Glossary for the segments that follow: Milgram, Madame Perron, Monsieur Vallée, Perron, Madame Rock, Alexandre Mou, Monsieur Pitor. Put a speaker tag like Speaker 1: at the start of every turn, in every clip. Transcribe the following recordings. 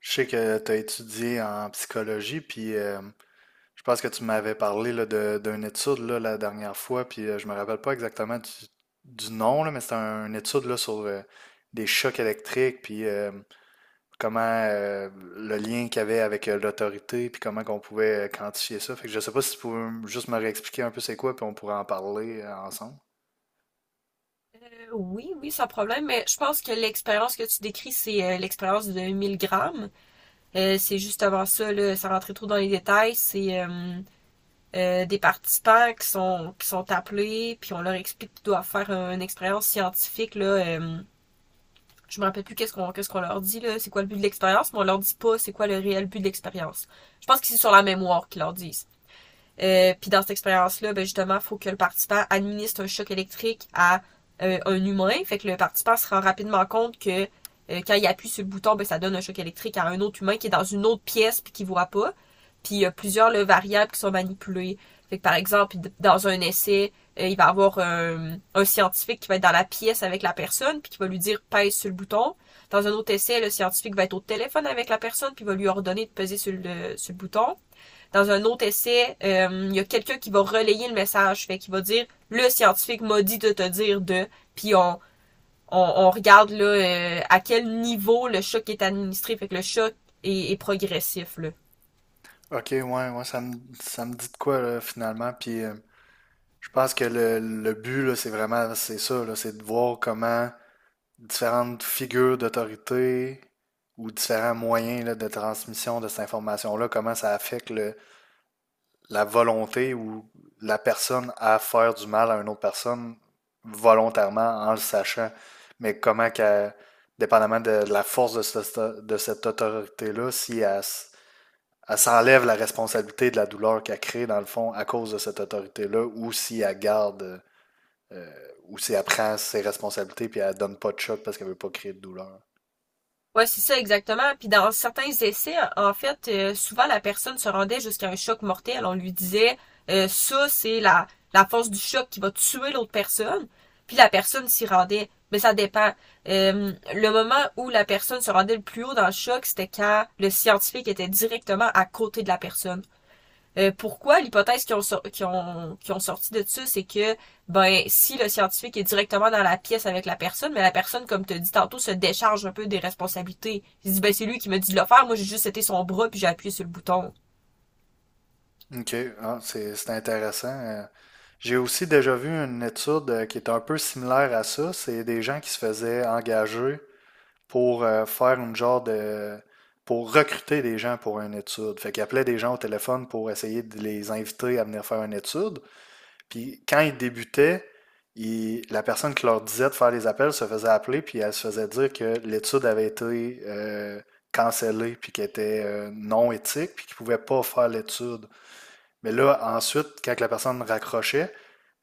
Speaker 1: Je sais que tu as étudié en psychologie, puis je pense que tu m'avais parlé là, de, d'une étude là, la dernière fois, puis je me rappelle pas exactement du nom, là, mais c'était une étude là, sur des chocs électriques, puis comment le lien qu'il y avait avec l'autorité, puis comment qu'on pouvait quantifier ça. Fait que je sais pas si tu pouvais juste me réexpliquer un peu c'est quoi, puis on pourrait en parler ensemble.
Speaker 2: Oui, oui, sans problème, mais je pense que l'expérience que tu décris, c'est l'expérience de 1000 grammes. C'est juste avant ça, là, sans rentrer trop dans les détails, c'est des participants qui sont appelés, puis on leur explique qu'ils doivent faire une expérience scientifique, là, je me rappelle plus qu'est-ce qu'on leur dit, là, c'est quoi le but de l'expérience, mais on leur dit pas c'est quoi le réel but de l'expérience. Je pense que c'est sur la mémoire qu'ils leur disent. Puis dans cette expérience-là, ben justement, il faut que le participant administre un choc électrique à un humain. Fait que le participant se rend rapidement compte que quand il appuie sur le bouton, ben, ça donne un choc électrique à un autre humain qui est dans une autre pièce puis qui voit pas. Puis il y a plusieurs là, variables qui sont manipulées. Fait que par exemple, dans un essai, il va y avoir un scientifique qui va être dans la pièce avec la personne puis qui va lui dire pèse sur le bouton. Dans un autre essai, le scientifique va être au téléphone avec la personne puis va lui ordonner de peser sur le bouton dans un autre essai, il y a quelqu'un qui va relayer le message, fait qu'il va dire le scientifique m'a dit de te dire de, puis on regarde là à quel niveau le choc est administré, fait que le choc est progressif là.
Speaker 1: Ok, ouais, ouais, ça me dit de quoi là, finalement, puis je pense que le but, là, c'est vraiment, c'est ça, là, c'est de voir comment différentes figures d'autorité ou différents moyens là, de transmission de cette information-là, comment ça affecte la volonté ou la personne à faire du mal à une autre personne volontairement en le sachant, mais comment qu'elle, dépendamment de la force de, de cette autorité-là, si elle, elle s'enlève la responsabilité de la douleur qu'elle crée dans le fond à cause de cette autorité-là ou si elle garde euh, où c'est elle prend ses responsabilités puis elle donne pas de choc parce qu'elle veut pas créer de douleur.
Speaker 2: Ouais, c'est ça exactement. Puis dans certains essais, en fait, souvent la personne se rendait jusqu'à un choc mortel. On lui disait, ça, c'est la force du choc qui va tuer l'autre personne. Puis la personne s'y rendait. Mais ça dépend. Le moment où la personne se rendait le plus haut dans le choc, c'était quand le scientifique était directement à côté de la personne. Pourquoi l'hypothèse qu'ils ont sorti de ça, c'est que ben si le scientifique est directement dans la pièce avec la personne, mais la personne, comme tu as dit tantôt, se décharge un peu des responsabilités. Il se dit ben c'est lui qui m'a dit de le faire, moi j'ai juste été son bras puis j'ai appuyé sur le bouton.
Speaker 1: OK, ah, c'est intéressant. J'ai aussi déjà vu une étude qui est un peu similaire à ça. C'est des gens qui se faisaient engager pour faire une genre de... pour recruter des gens pour une étude. Fait qu'ils appelaient des gens au téléphone pour essayer de les inviter à venir faire une étude. Puis quand ils débutaient, la personne qui leur disait de faire les appels se faisait appeler, puis elle se faisait dire que l'étude avait été cancellée, puis qu'elle était non éthique, puis qu'ils ne pouvaient pas faire l'étude. Mais là, ensuite, quand la personne raccrochait,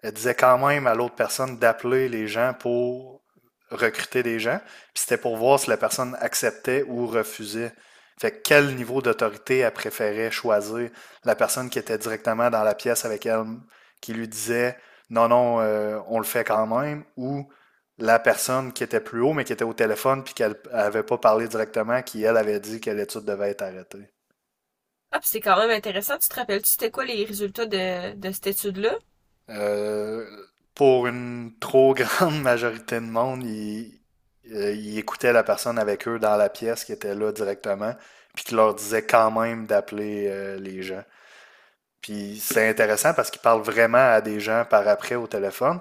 Speaker 1: elle disait quand même à l'autre personne d'appeler les gens pour recruter des gens. Puis c'était pour voir si la personne acceptait ou refusait. Fait que quel niveau d'autorité elle préférait choisir, la personne qui était directement dans la pièce avec elle, qui lui disait non, non, on le fait quand même, ou la personne qui était plus haut, mais qui était au téléphone, puis qu'elle n'avait pas parlé directement, qui, elle, avait dit que l'étude devait être arrêtée.
Speaker 2: Ah, puis c'est quand même intéressant. Tu te rappelles-tu c'était quoi les résultats de cette étude-là?
Speaker 1: Euh, pour une trop grande majorité de monde, ils écoutaient la personne avec eux dans la pièce qui était là directement, puis qui leur disait quand même d'appeler les gens. Puis c'est intéressant parce qu'ils parlent vraiment à des gens par après au téléphone.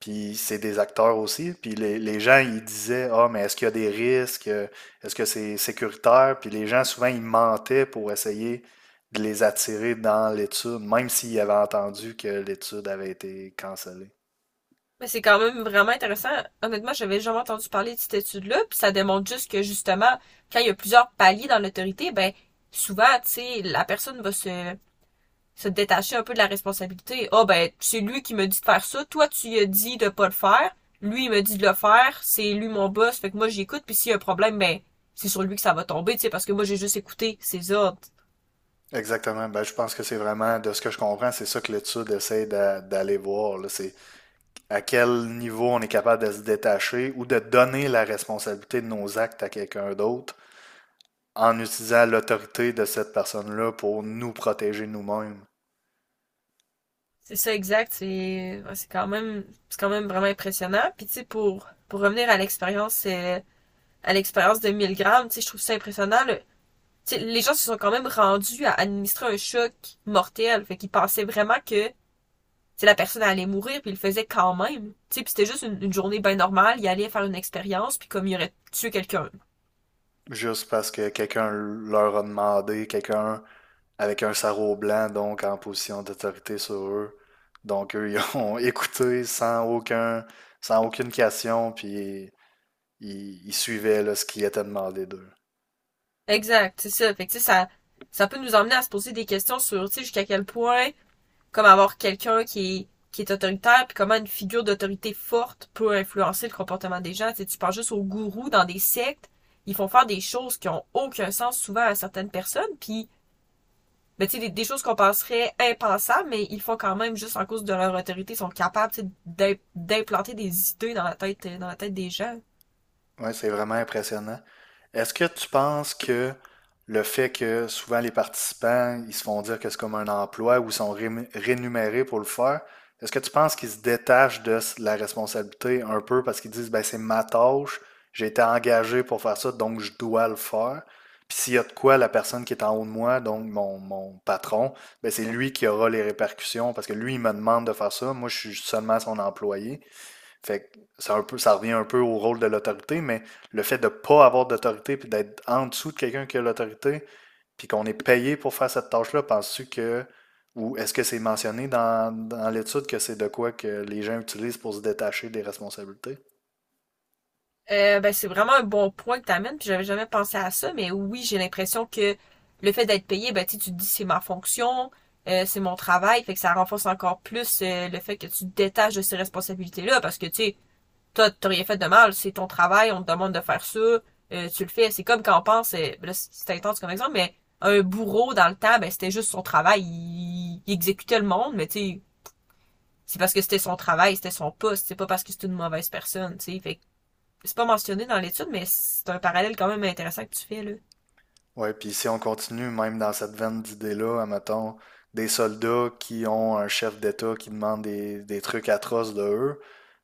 Speaker 1: Puis c'est des acteurs aussi. Puis les gens, ils disaient: ah, mais est-ce qu'il y a des risques? Est-ce que c'est sécuritaire? Puis les gens, souvent, ils mentaient pour essayer de les attirer dans l'étude, même s'ils avaient entendu que l'étude avait été cancellée.
Speaker 2: Mais c'est quand même vraiment intéressant. Honnêtement, j'avais jamais entendu parler de cette étude-là, puis ça démontre juste que justement, quand il y a plusieurs paliers dans l'autorité, ben souvent, tu sais, la personne va se détacher un peu de la responsabilité. Ah oh, ben, c'est lui qui me dit de faire ça, toi tu lui as dit de pas le faire, lui il me dit de le faire, c'est lui mon boss, fait que moi j'écoute, puis s'il y a un problème, ben c'est sur lui que ça va tomber, tu sais, parce que moi j'ai juste écouté ses ordres.
Speaker 1: Exactement. Ben, je pense que c'est vraiment, de ce que je comprends, c'est ça que l'étude essaie d'aller voir là. C'est à quel niveau on est capable de se détacher ou de donner la responsabilité de nos actes à quelqu'un d'autre en utilisant l'autorité de cette personne-là pour nous protéger nous-mêmes.
Speaker 2: C'est ça exact, c'est ouais, c'est quand même vraiment impressionnant. Puis tu sais pour revenir à l'expérience de Milgram tu sais je trouve ça impressionnant. Le, tu sais, les gens se sont quand même rendus à administrer un choc mortel, fait qu'ils pensaient vraiment que sais, la personne allait mourir, puis il le faisait quand même. Tu sais, puis c'était juste une journée bien normale, il allait faire une expérience, puis comme il aurait tué quelqu'un.
Speaker 1: Juste parce que quelqu'un leur a demandé, quelqu'un avec un sarrau blanc, donc en position d'autorité sur eux. Donc eux, ils ont écouté sans aucun, sans aucune question, puis ils suivaient là, ce qui était demandé d'eux.
Speaker 2: Exact, c'est ça. Fait que tu ça, ça peut nous emmener à se poser des questions sur, tu jusqu'à quel point, comme avoir quelqu'un qui est autoritaire, puis comment une figure d'autorité forte peut influencer le comportement des gens. Tu sais, tu penses juste aux gourous dans des sectes, ils font faire des choses qui ont aucun sens souvent à certaines personnes, puis ben, tu sais, des choses qu'on penserait impensables, mais ils font quand même juste en cause de leur autorité, ils sont capables tu sais, d'implanter des idées dans la tête des gens.
Speaker 1: Ouais, c'est vraiment impressionnant. Est-ce que tu penses que le fait que souvent les participants, ils se font dire que c'est comme un emploi ou ils sont rémunérés pour le faire, est-ce que tu penses qu'ils se détachent de la responsabilité un peu parce qu'ils disent, ben c'est ma tâche, j'ai été engagé pour faire ça, donc je dois le faire. Puis s'il y a de quoi, la personne qui est en haut de moi, donc mon patron, ben c'est lui qui aura les répercussions parce que lui, il me demande de faire ça, moi je suis seulement son employé. Fait que ça, un peu, ça revient un peu au rôle de l'autorité, mais le fait de pas avoir d'autorité puis d'être en dessous de quelqu'un qui a l'autorité, puis qu'on est payé pour faire cette tâche-là, penses-tu que, ou est-ce que c'est mentionné dans, dans l'étude que c'est de quoi que les gens utilisent pour se détacher des responsabilités?
Speaker 2: Ben, c'est vraiment un bon point que t'amènes, puis j'avais jamais pensé à ça, mais oui, j'ai l'impression que le fait d'être payé, ben, tu te dis c'est ma fonction, c'est mon travail, fait que ça renforce encore plus le fait que tu te détaches de ces responsabilités-là, parce que, tu sais, t'as rien fait de mal, c'est ton travail, on te demande de faire ça, tu le fais. C'est comme quand on pense, là, c'est intense comme exemple, mais un bourreau dans le temps, ben c'était juste son travail, il exécutait le monde, mais tu sais, c'est parce que c'était son travail, c'était son poste, c'est pas parce que c'est une mauvaise personne, tu sais. Fait c'est pas mentionné dans l'étude, mais c'est un parallèle quand même intéressant que tu fais, là.
Speaker 1: Ouais, puis si on continue même dans cette veine d'idées-là, admettons, des soldats qui ont un chef d'État qui demande des trucs atroces de eux,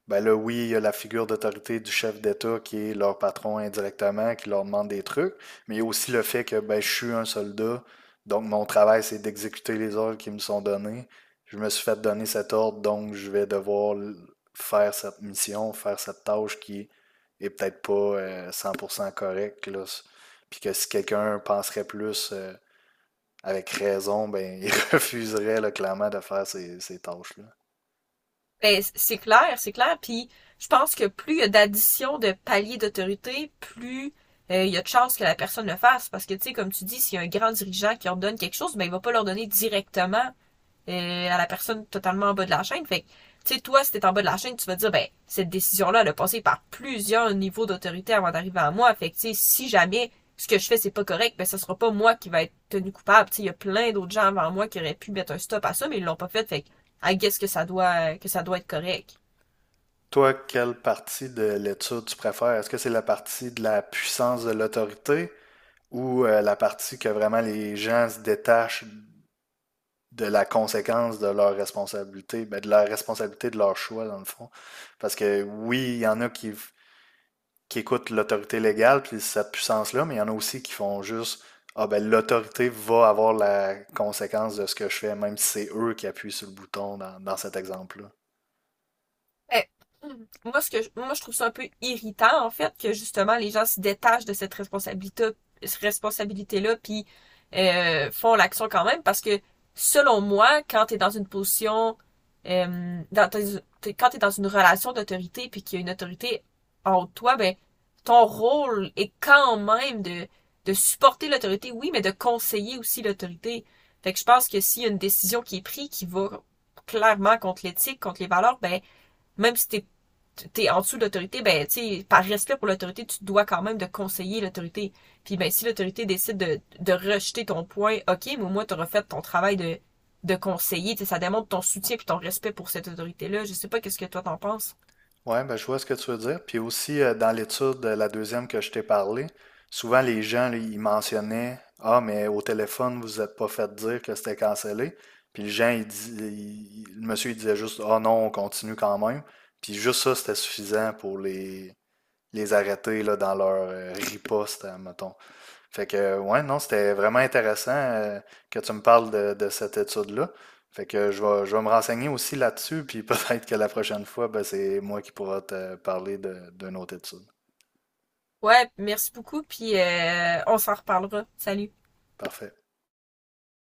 Speaker 1: ben là, oui, il y a la figure d'autorité du chef d'État qui est leur patron indirectement, qui leur demande des trucs, mais il y a aussi le fait que ben, je suis un soldat, donc mon travail, c'est d'exécuter les ordres qui me sont donnés. Je me suis fait donner cet ordre, donc je vais devoir faire cette mission, faire cette tâche qui est peut-être pas 100% correcte, là, puis que si quelqu'un penserait plus avec raison, ben il refuserait là, clairement de faire ces, ces tâches-là.
Speaker 2: Ben, c'est clair, c'est clair. Puis je pense que plus il y a d'addition de paliers d'autorité, plus il y a de chances que la personne le fasse. Parce que, tu sais, comme tu dis, s'il y a un grand dirigeant qui ordonne quelque chose, ben, il va pas l'ordonner directement à la personne totalement en bas de la chaîne. Fait que, tu sais, toi, si t'es en bas de la chaîne, tu vas dire, ben, cette décision-là, elle a passé par plusieurs niveaux d'autorité avant d'arriver à moi. Fait que, tu sais, si jamais ce que je fais, c'est pas correct, ben, ça sera pas moi qui va être tenu coupable. Tu sais, il y a plein d'autres gens avant moi qui auraient pu mettre un stop à ça, mais ils l'ont pas fait. Fait que, I guess que ça doit être correct.
Speaker 1: Toi, quelle partie de l'étude tu préfères? Est-ce que c'est la partie de la puissance de l'autorité ou la partie que vraiment les gens se détachent de la conséquence de leur responsabilité, ben, de la responsabilité de leur choix, dans le fond? Parce que oui, il y en a qui écoutent l'autorité légale puis cette puissance-là, mais il y en a aussi qui font juste: ah ben l'autorité va avoir la conséquence de ce que je fais, même si c'est eux qui appuient sur le bouton dans, dans cet exemple-là.
Speaker 2: Ben, moi, moi, je trouve ça un peu irritant, en fait, que justement, les gens se détachent de cette responsabilité-là, puis font l'action quand même, parce que, selon moi, quand t'es dans une position, quand t'es dans une relation d'autorité, puis qu'il y a une autorité en haut de toi, ben, ton rôle est quand même de supporter l'autorité, oui, mais de conseiller aussi l'autorité. Fait que je pense que s'il y a une décision qui est prise qui va clairement contre l'éthique, contre les valeurs, ben, même si t'es en dessous de l'autorité, ben, tu sais, par respect pour l'autorité, tu dois quand même de conseiller l'autorité. Puis, ben, si l'autorité décide de rejeter ton point, ok, mais au moins, t'auras fait ton travail de conseiller. Tu sais, ça démontre ton soutien puis ton respect pour cette autorité-là. Je sais pas qu'est-ce que toi t'en penses.
Speaker 1: Ouais, ben je vois ce que tu veux dire. Puis aussi, dans l'étude, la deuxième que je t'ai parlé, souvent les gens, là, ils mentionnaient: ah, mais au téléphone, vous n'êtes pas fait dire que c'était cancellé. Puis les gens, le monsieur, il disait juste: ah non, on continue quand même. Puis juste ça, c'était suffisant pour les arrêter là, dans leur riposte, hein, mettons. Fait que, ouais, non, c'était vraiment intéressant que tu me parles de cette étude-là. Fait que je vais me renseigner aussi là-dessus, puis peut-être que la prochaine fois, ben, c'est moi qui pourra te parler de, d'une autre étude.
Speaker 2: Ouais, merci beaucoup, puis on s'en reparlera. Salut!
Speaker 1: Parfait.